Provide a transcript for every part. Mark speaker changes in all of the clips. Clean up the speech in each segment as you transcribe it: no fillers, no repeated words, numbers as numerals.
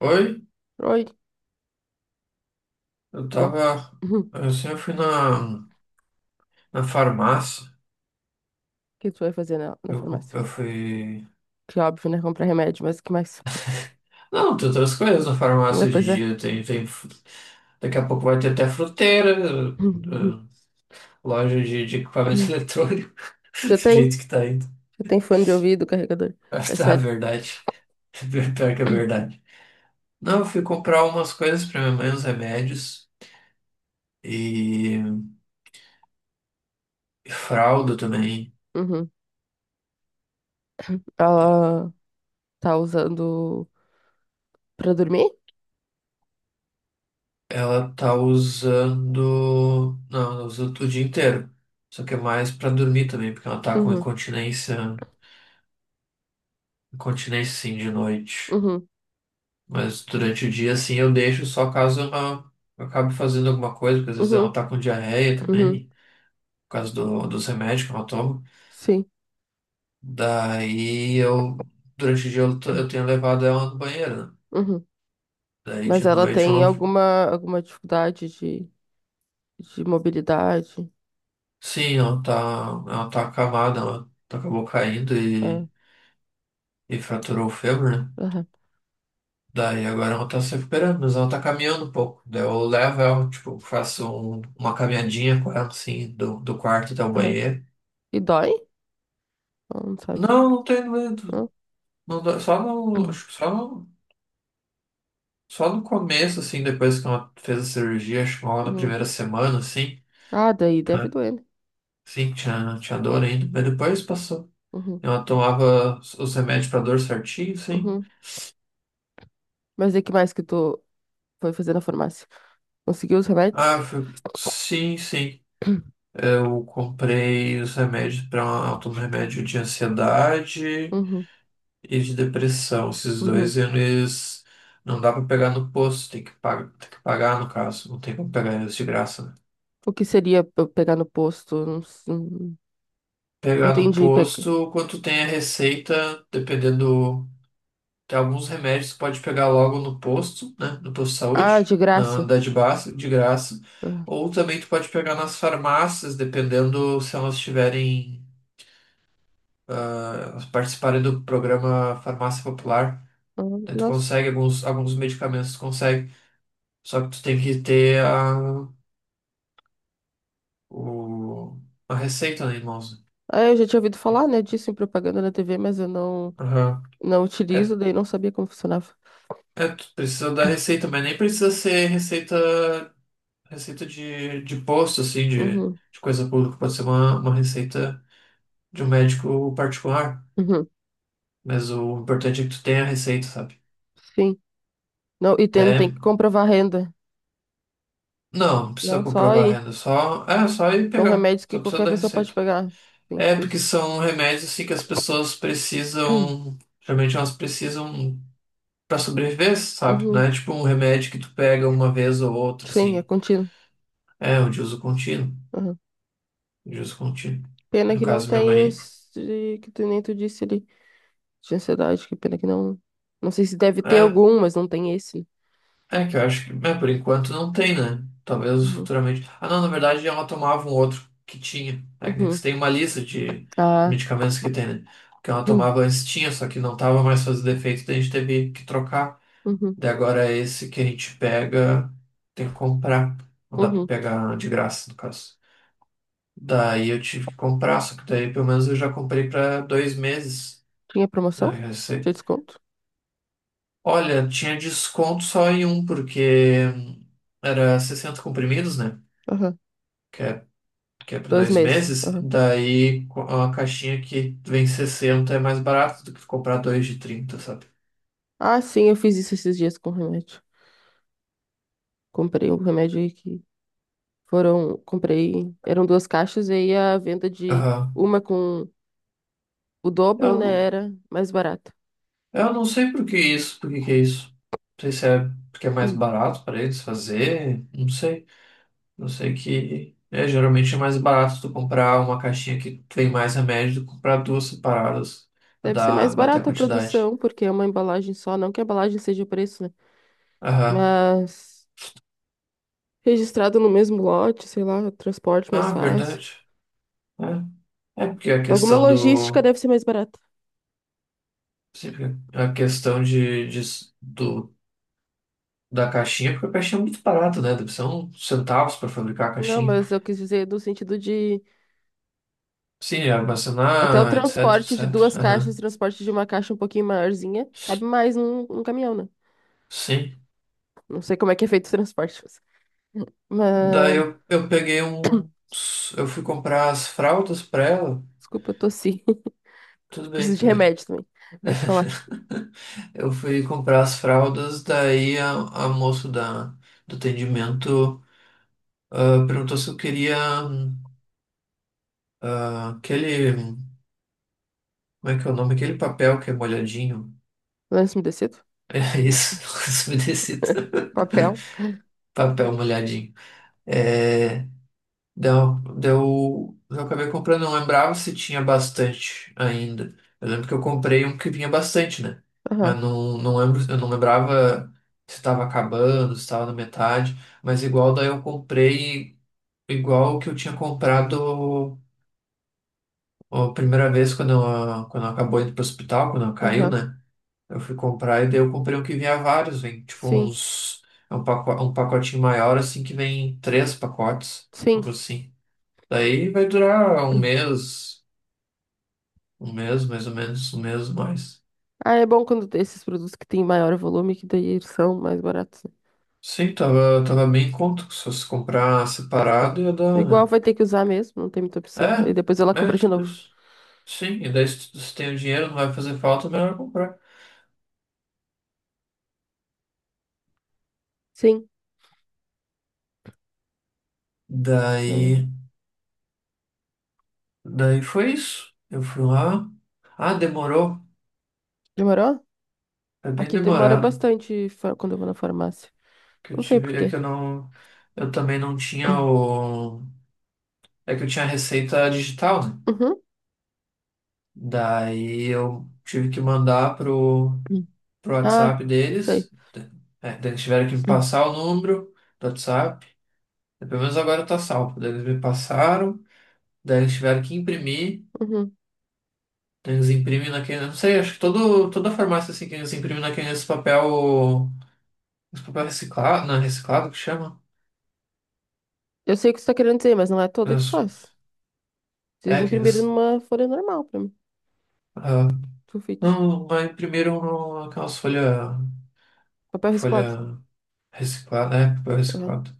Speaker 1: Oi,
Speaker 2: Oi, tudo
Speaker 1: eu
Speaker 2: bom?
Speaker 1: tava.
Speaker 2: Uhum. O
Speaker 1: Eu fui na farmácia.
Speaker 2: que tu vai fazer na farmácia?
Speaker 1: Eu fui.
Speaker 2: Que óbvio, né? Comprar remédio, mas o que mais?
Speaker 1: Não, tem outras coisas na
Speaker 2: Ah,
Speaker 1: farmácia hoje em
Speaker 2: pois é.
Speaker 1: dia. Daqui a pouco vai ter até fruteira, eh, eh, loja de equipamento
Speaker 2: Uhum.
Speaker 1: eletrônico. Do
Speaker 2: Já tem?
Speaker 1: jeito que tá indo.
Speaker 2: Já tem fone de ouvido, carregador.
Speaker 1: Ah,
Speaker 2: É
Speaker 1: tá,
Speaker 2: sério.
Speaker 1: verdade. Pior que é verdade. Não, eu fui comprar umas coisas pra minha mãe, uns remédios. E, e fralda também.
Speaker 2: Uhum. Ela tá usando pra dormir?
Speaker 1: Ela tá usando. Não, ela usa o dia inteiro. Só que é mais pra dormir também, porque ela tá com
Speaker 2: Uhum,
Speaker 1: incontinência. Incontinência sim de noite.
Speaker 2: uhum,
Speaker 1: Mas durante o dia, assim, eu deixo só caso ela eu acabe fazendo alguma coisa, porque às vezes ela
Speaker 2: uhum,
Speaker 1: tá com diarreia
Speaker 2: uhum.
Speaker 1: também, por causa dos remédios que ela toma.
Speaker 2: Sim.
Speaker 1: Daí eu. Durante o dia eu tenho levado ela no banheiro, né?
Speaker 2: Uhum.
Speaker 1: Daí de
Speaker 2: Mas ela
Speaker 1: noite
Speaker 2: tem
Speaker 1: ela.
Speaker 2: alguma dificuldade de mobilidade?
Speaker 1: Sim, Ela tá acamada, ela acabou caindo
Speaker 2: Ah,
Speaker 1: e fraturou o fêmur, né?
Speaker 2: aham,
Speaker 1: Daí agora ela tá se recuperando, mas ela tá caminhando um pouco. Daí eu levo ela, tipo, uma caminhadinha com ela, assim, do quarto até o
Speaker 2: aham.
Speaker 1: banheiro.
Speaker 2: E dói? Ela não sabe.
Speaker 1: Não, não tenho medo.
Speaker 2: Não?
Speaker 1: Só
Speaker 2: Uhum.
Speaker 1: acho que só no começo, assim, depois que ela fez a cirurgia, acho que lá na
Speaker 2: Uhum.
Speaker 1: primeira semana, assim,
Speaker 2: Ah, daí deve doer, né?
Speaker 1: sim, tinha dor ainda, mas depois passou.
Speaker 2: Uhum,
Speaker 1: Ela tomava os remédios pra dor certinho, sim.
Speaker 2: uhum. Mas e que mais que tu foi fazer na farmácia? Conseguiu os remédios?
Speaker 1: Sim, sim. Eu comprei os remédios para um remédio de ansiedade.
Speaker 2: Uhum,
Speaker 1: E de depressão, esses
Speaker 2: uhum.
Speaker 1: dois eles não dá pra pegar no posto, tem que pagar no caso, não tem como pegar eles de graça, né?
Speaker 2: O que seria pra eu pegar no posto? Não,
Speaker 1: Pegar no
Speaker 2: entendi. Pega...
Speaker 1: posto, quanto tem a receita, dependendo, tem alguns remédios que pode pegar logo no posto, né? No posto de
Speaker 2: Ah,
Speaker 1: saúde,
Speaker 2: de
Speaker 1: na
Speaker 2: graça.
Speaker 1: unidade básica, de graça.
Speaker 2: Ah,
Speaker 1: Ou também tu pode pegar nas farmácias, dependendo se elas tiverem, elas participarem do programa Farmácia Popular.
Speaker 2: ah,
Speaker 1: Daí tu
Speaker 2: nossa.
Speaker 1: consegue alguns medicamentos, tu consegue. Só que tu tem que ter o, a receita, né, irmãos?
Speaker 2: Ah, eu já tinha ouvido falar, né, disso em propaganda na TV, mas eu não,
Speaker 1: Aham.
Speaker 2: não
Speaker 1: É,
Speaker 2: utilizo, daí não sabia como funcionava.
Speaker 1: tu precisa da receita, mas nem precisa ser receita, receita de posto, assim,
Speaker 2: Uhum,
Speaker 1: de coisa pública. Pode ser uma receita de um médico particular.
Speaker 2: uhum.
Speaker 1: Mas o importante é que tu tenha a receita, sabe?
Speaker 2: Sim. Não, e tem
Speaker 1: Até,
Speaker 2: que comprovar a renda.
Speaker 1: não, não precisa
Speaker 2: Não, só
Speaker 1: comprovar a
Speaker 2: aí.
Speaker 1: renda, só, é só ir
Speaker 2: São
Speaker 1: pegar.
Speaker 2: remédios que
Speaker 1: Só precisa
Speaker 2: qualquer
Speaker 1: da
Speaker 2: pessoa pode
Speaker 1: receita.
Speaker 2: pegar. Sim,
Speaker 1: É
Speaker 2: tipo
Speaker 1: porque
Speaker 2: isso.
Speaker 1: são remédios assim que as pessoas precisam, geralmente elas precisam pra sobreviver, sabe? Não
Speaker 2: Uhum.
Speaker 1: é tipo um remédio que tu pega uma vez ou outra,
Speaker 2: Sim, é
Speaker 1: assim.
Speaker 2: contínuo.
Speaker 1: É, o de uso contínuo. De uso contínuo.
Speaker 2: Pena
Speaker 1: No
Speaker 2: que não
Speaker 1: caso, minha
Speaker 2: tem
Speaker 1: mãe.
Speaker 2: os de- que tu nem tu disse ali, de ansiedade, que pena que não. Não sei se deve ter
Speaker 1: É,
Speaker 2: algum, mas não tem esse.
Speaker 1: é que eu acho que, é, por enquanto não tem, né? Talvez
Speaker 2: Uhum.
Speaker 1: futuramente. Ah, não, na verdade ela tomava um outro que tinha. Technics
Speaker 2: Uhum.
Speaker 1: tem uma lista de
Speaker 2: Ah.
Speaker 1: medicamentos que tem, né? O que ela
Speaker 2: Hum.
Speaker 1: tomava antes tinha, só que não tava mais fazendo efeito, daí a gente teve que trocar.
Speaker 2: Uhum.
Speaker 1: Daí agora esse que a gente pega, tem que comprar. Não dá pra
Speaker 2: Uhum.
Speaker 1: pegar de graça, no caso. Daí eu tive que comprar, só que daí pelo menos eu já comprei para 2 meses.
Speaker 2: Tinha
Speaker 1: Aí
Speaker 2: promoção?
Speaker 1: eu já sei.
Speaker 2: Tinha desconto?
Speaker 1: Olha, tinha desconto só em um, porque era 60 comprimidos, né?
Speaker 2: Aham.
Speaker 1: Que é, que é para
Speaker 2: Dois
Speaker 1: dois
Speaker 2: meses.
Speaker 1: meses.
Speaker 2: Aham.
Speaker 1: A caixinha que vem 60 é mais barato do que tu comprar dois de 30, sabe?
Speaker 2: Ah, sim, eu fiz isso esses dias com remédio. Comprei um remédio aí que foram. Comprei. Eram duas caixas e aí a venda de
Speaker 1: Aham.
Speaker 2: uma com o dobro,
Speaker 1: Eu
Speaker 2: né?
Speaker 1: não,
Speaker 2: Era mais barata.
Speaker 1: eu não sei por que isso, por que que é isso. Não sei se é porque é mais
Speaker 2: Hum.
Speaker 1: barato para eles fazer, não sei. Eu sei que é, geralmente é mais barato tu comprar uma caixinha que tem mais remédio do que comprar duas separadas pra
Speaker 2: Deve ser mais
Speaker 1: dar, bater a
Speaker 2: barata a
Speaker 1: quantidade.
Speaker 2: produção, porque é uma embalagem só, não que a embalagem seja o preço, né?
Speaker 1: Aham.
Speaker 2: Mas registrado no mesmo lote, sei lá, transporte mais
Speaker 1: Ah,
Speaker 2: fácil.
Speaker 1: verdade. É, é porque a
Speaker 2: Alguma
Speaker 1: questão
Speaker 2: logística
Speaker 1: do.
Speaker 2: deve ser mais barata.
Speaker 1: Sempre A questão do, da caixinha, porque a caixinha é muito barata, né? Deve ser uns centavos para fabricar a
Speaker 2: Não,
Speaker 1: caixinha.
Speaker 2: mas eu quis dizer no sentido de
Speaker 1: Sim, é
Speaker 2: até o
Speaker 1: armazenar, etc,
Speaker 2: transporte de duas
Speaker 1: etc.
Speaker 2: caixas,
Speaker 1: Aham.
Speaker 2: transporte de uma caixa um pouquinho maiorzinha, cabe mais num caminhão, né?
Speaker 1: Sim.
Speaker 2: Não sei como é que é feito o transporte. Mas, mas-
Speaker 1: Eu peguei um. Eu fui comprar as fraldas pra ela.
Speaker 2: desculpa, eu tossi.
Speaker 1: Tudo bem,
Speaker 2: Preciso de
Speaker 1: tudo bem.
Speaker 2: remédio também. Vou te falar.
Speaker 1: Eu fui comprar as fraldas, daí a moça do atendimento perguntou se eu queria aquele. Como é que é o nome? Aquele papel que é molhadinho.
Speaker 2: Lenço umedecido?
Speaker 1: É isso, isso me decita.
Speaker 2: Papel?
Speaker 1: Papel molhadinho. É, deu, eu acabei comprando, não lembrava se tinha bastante ainda. Eu lembro que eu comprei um que vinha bastante, né?
Speaker 2: Aham,
Speaker 1: Não lembro, eu não lembrava se estava acabando, se estava na metade. Mas igual daí eu comprei, igual que eu tinha comprado a primeira vez quando eu acabou indo pro hospital, quando eu caiu,
Speaker 2: aham.
Speaker 1: né? Eu fui comprar e daí eu comprei um que vinha vários,
Speaker 2: Sim,
Speaker 1: é um pacote, um pacotinho maior assim que vem 3 pacotes, algo
Speaker 2: sim.
Speaker 1: assim. Daí vai durar
Speaker 2: Hum.
Speaker 1: um mês mais ou menos, 1 mês mais.
Speaker 2: Ah, é bom quando tem esses produtos que têm maior volume, que daí eles são mais baratos, né?
Speaker 1: Sim, tava bem em conta, que só se comprar separado ia dar.
Speaker 2: Igual
Speaker 1: Né?
Speaker 2: vai ter que usar mesmo, não tem muita opção. Aí depois ela
Speaker 1: É, é
Speaker 2: compra de
Speaker 1: tipo
Speaker 2: novo.
Speaker 1: isso. Sim, e daí se tem o dinheiro, não vai fazer falta, melhor comprar.
Speaker 2: Sim. É.
Speaker 1: Daí, daí foi isso. Eu fui lá. Ah, demorou.
Speaker 2: Demorou?
Speaker 1: É bem
Speaker 2: Aqui demora
Speaker 1: demorado.
Speaker 2: bastante fa- quando eu vou na farmácia.
Speaker 1: Que eu
Speaker 2: Não sei por
Speaker 1: tive, é que
Speaker 2: quê.
Speaker 1: eu não, eu também não tinha o, é que eu tinha a receita digital, né?
Speaker 2: Uhum.
Speaker 1: Daí eu tive que mandar pro
Speaker 2: Ah,
Speaker 1: WhatsApp deles.
Speaker 2: sei.
Speaker 1: É, daí eles tiveram que me passar o número do WhatsApp. Pelo menos agora tá salvo. Daí eles me passaram, daí eles tiveram que imprimir.
Speaker 2: Uhum.
Speaker 1: Daí eles imprimem naquele. Não sei, acho que toda farmácia assim que eles imprimem naquele esse papel. Esse papel reciclado. Não, é reciclado que chama?
Speaker 2: Eu sei o que você tá querendo dizer, mas não é toda que
Speaker 1: Mas,
Speaker 2: faz. Vocês
Speaker 1: É, que
Speaker 2: imprimiram
Speaker 1: eles.
Speaker 2: numa folha normal pra mim.
Speaker 1: ah,
Speaker 2: Sulfite.
Speaker 1: não, mas imprimiram no- aquelas folhas.
Speaker 2: Papel
Speaker 1: Folha
Speaker 2: reciclado.
Speaker 1: folha reciclada, é, papel
Speaker 2: Uhum.
Speaker 1: reciclado.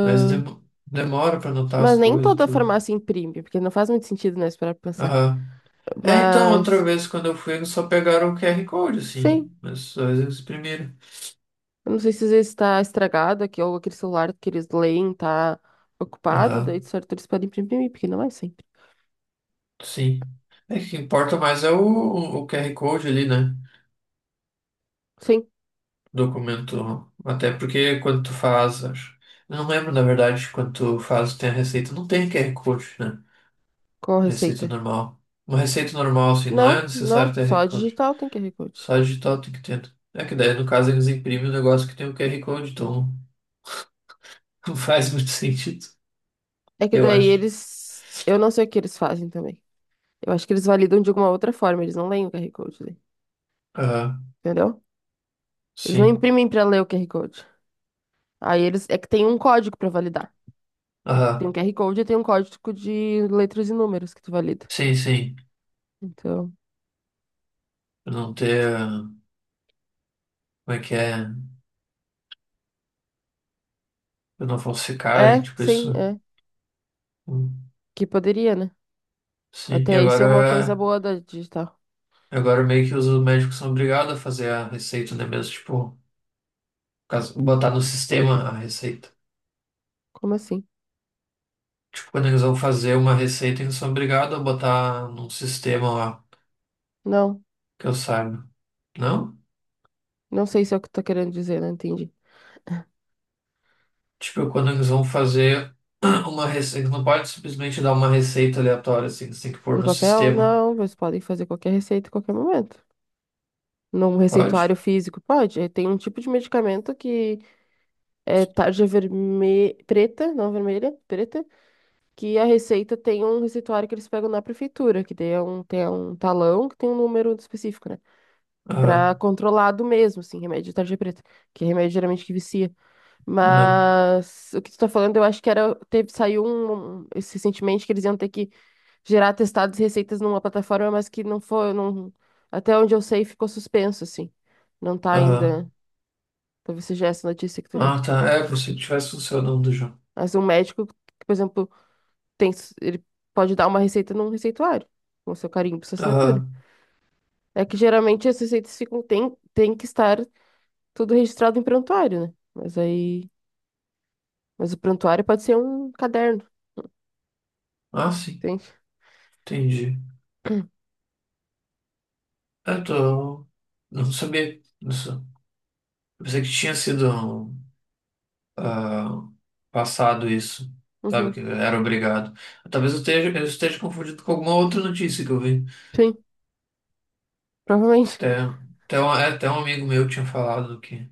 Speaker 1: Mas demora pra anotar as
Speaker 2: mas nem
Speaker 1: coisas e
Speaker 2: toda
Speaker 1: tudo.
Speaker 2: farmácia imprime, porque não faz muito sentido, né? Esperar pra pensar.
Speaker 1: Aham. É, então, outra
Speaker 2: Mas.
Speaker 1: vez quando eu fui, eles só pegaram o QR Code, assim.
Speaker 2: Sim.
Speaker 1: Mas só eles exprimiram.
Speaker 2: Eu não sei se às vezes está estragado aqui, ou aquele celular que eles leem tá ocupado, daí de
Speaker 1: Aham,
Speaker 2: certo eles podem imprimir, porque não é sempre.
Speaker 1: sim. É que o que importa mais é o QR Code ali, né?
Speaker 2: Sim,
Speaker 1: Documento. Até porque quando tu faz, acho. Eu não lembro, na verdade, quando tu faz, tem a receita. Não tem QR Code, né?
Speaker 2: com a
Speaker 1: Receita
Speaker 2: receita.
Speaker 1: normal. Uma receita normal, assim, não é
Speaker 2: Não,
Speaker 1: necessário
Speaker 2: não,
Speaker 1: ter QR
Speaker 2: só
Speaker 1: Code.
Speaker 2: digital tem QR Code.
Speaker 1: Só digital tem que ter. É que daí, no caso, eles imprimem o negócio que tem o QR Code, então. Faz muito sentido,
Speaker 2: É que
Speaker 1: eu
Speaker 2: daí
Speaker 1: acho.
Speaker 2: eles. Eu não sei o que eles fazem também. Eu acho que eles validam de alguma outra forma, eles não leem o QR Code, daí,
Speaker 1: Aham,
Speaker 2: entendeu? Eles não
Speaker 1: sim.
Speaker 2: imprimem para ler o QR Code. Aí eles. É que tem um código para validar. O- Tem um
Speaker 1: Aham,
Speaker 2: QR Code e tem um código de letras e números que tu valida.
Speaker 1: sim, sim.
Speaker 2: Então.
Speaker 1: Pra não ter. Ah, Como é que é? Pra não falsificarem,
Speaker 2: É,
Speaker 1: tipo
Speaker 2: sim,
Speaker 1: isso.
Speaker 2: é.
Speaker 1: Hum,
Speaker 2: Que poderia, né?
Speaker 1: sim, e
Speaker 2: Até isso é uma coisa
Speaker 1: agora.
Speaker 2: boa da digital.
Speaker 1: Agora meio que os médicos são obrigados a fazer a receita, né? Mesmo, tipo, botar no sistema a receita.
Speaker 2: Como assim?
Speaker 1: Tipo, quando eles vão fazer uma receita, eles são obrigados a botar num sistema lá,
Speaker 2: Não,
Speaker 1: que eu saiba. Não?
Speaker 2: não, sei se é o que tu tá querendo dizer, não entendi.
Speaker 1: Tipo, quando eles vão fazer uma receita, eles não pode simplesmente dar uma receita aleatória, assim, eles têm que pôr
Speaker 2: No
Speaker 1: no
Speaker 2: papel,
Speaker 1: sistema.
Speaker 2: não, vocês podem fazer qualquer receita em qualquer momento. Num receituário
Speaker 1: Pode?
Speaker 2: físico, pode. Eh, tem um tipo de medicamento que é tarja vermelha, preta, não vermelha, preta, que a receita tem um receituário que eles pegam na prefeitura, que daí é um, tem um talão que tem um número específico, né? Pra
Speaker 1: Aham,
Speaker 2: controlado mesmo, assim, remédio de tarja preta, que é remédio geralmente que vicia.
Speaker 1: aham,
Speaker 2: Mas o que tu tá falando, eu acho que era, teve, saiu um recentemente que eles iam ter que gerar testados e receitas numa plataforma, mas que não foi, não, até onde eu sei, ficou suspenso, assim. Não tá
Speaker 1: aham.
Speaker 2: ainda, talvez seja essa notícia que tu viu.
Speaker 1: Ah, tá. É, por se tivesse funcionando já.
Speaker 2: Mas um médico, que, por exemplo, ele pode dar uma receita num receituário, com seu carimbo, sua assinatura.
Speaker 1: Aham.
Speaker 2: É que geralmente as receitas ficam, tem, tem que estar tudo registrado em prontuário, né? Mas aí, mas o prontuário pode ser um caderno,
Speaker 1: Ah, sim.
Speaker 2: entende?
Speaker 1: Entendi. Eu tô... Não sabia disso. Pensei que tinha sido ah, passado isso. Sabe, que
Speaker 2: Uhum.
Speaker 1: era obrigado. Talvez eu esteja confundido com alguma outra notícia que eu vi.
Speaker 2: Sim, provavelmente.
Speaker 1: Até, até um amigo meu tinha falado que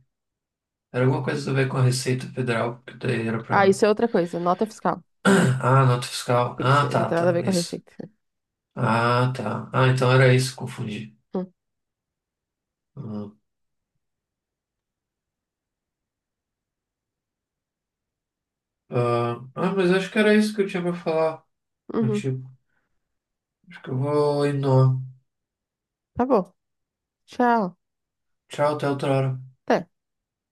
Speaker 1: era alguma coisa a ver com a Receita Federal, que daí era pra.
Speaker 2: Ah, isso é outra coisa. Nota fiscal.
Speaker 1: Ah, nota fiscal.
Speaker 2: Tem que
Speaker 1: Ah,
Speaker 2: ser, não
Speaker 1: tá,
Speaker 2: tem nada a
Speaker 1: tá.
Speaker 2: ver com a
Speaker 1: Isso.
Speaker 2: receita.
Speaker 1: Ah, tá. Ah, então era isso, confundi.
Speaker 2: Hum,
Speaker 1: Ah, mas acho que era isso que eu tinha pra falar
Speaker 2: Uhum.
Speaker 1: contigo. Acho que eu vou indo.
Speaker 2: Tá bom. Tchau.
Speaker 1: Tchau, até outra hora.
Speaker 2: Até.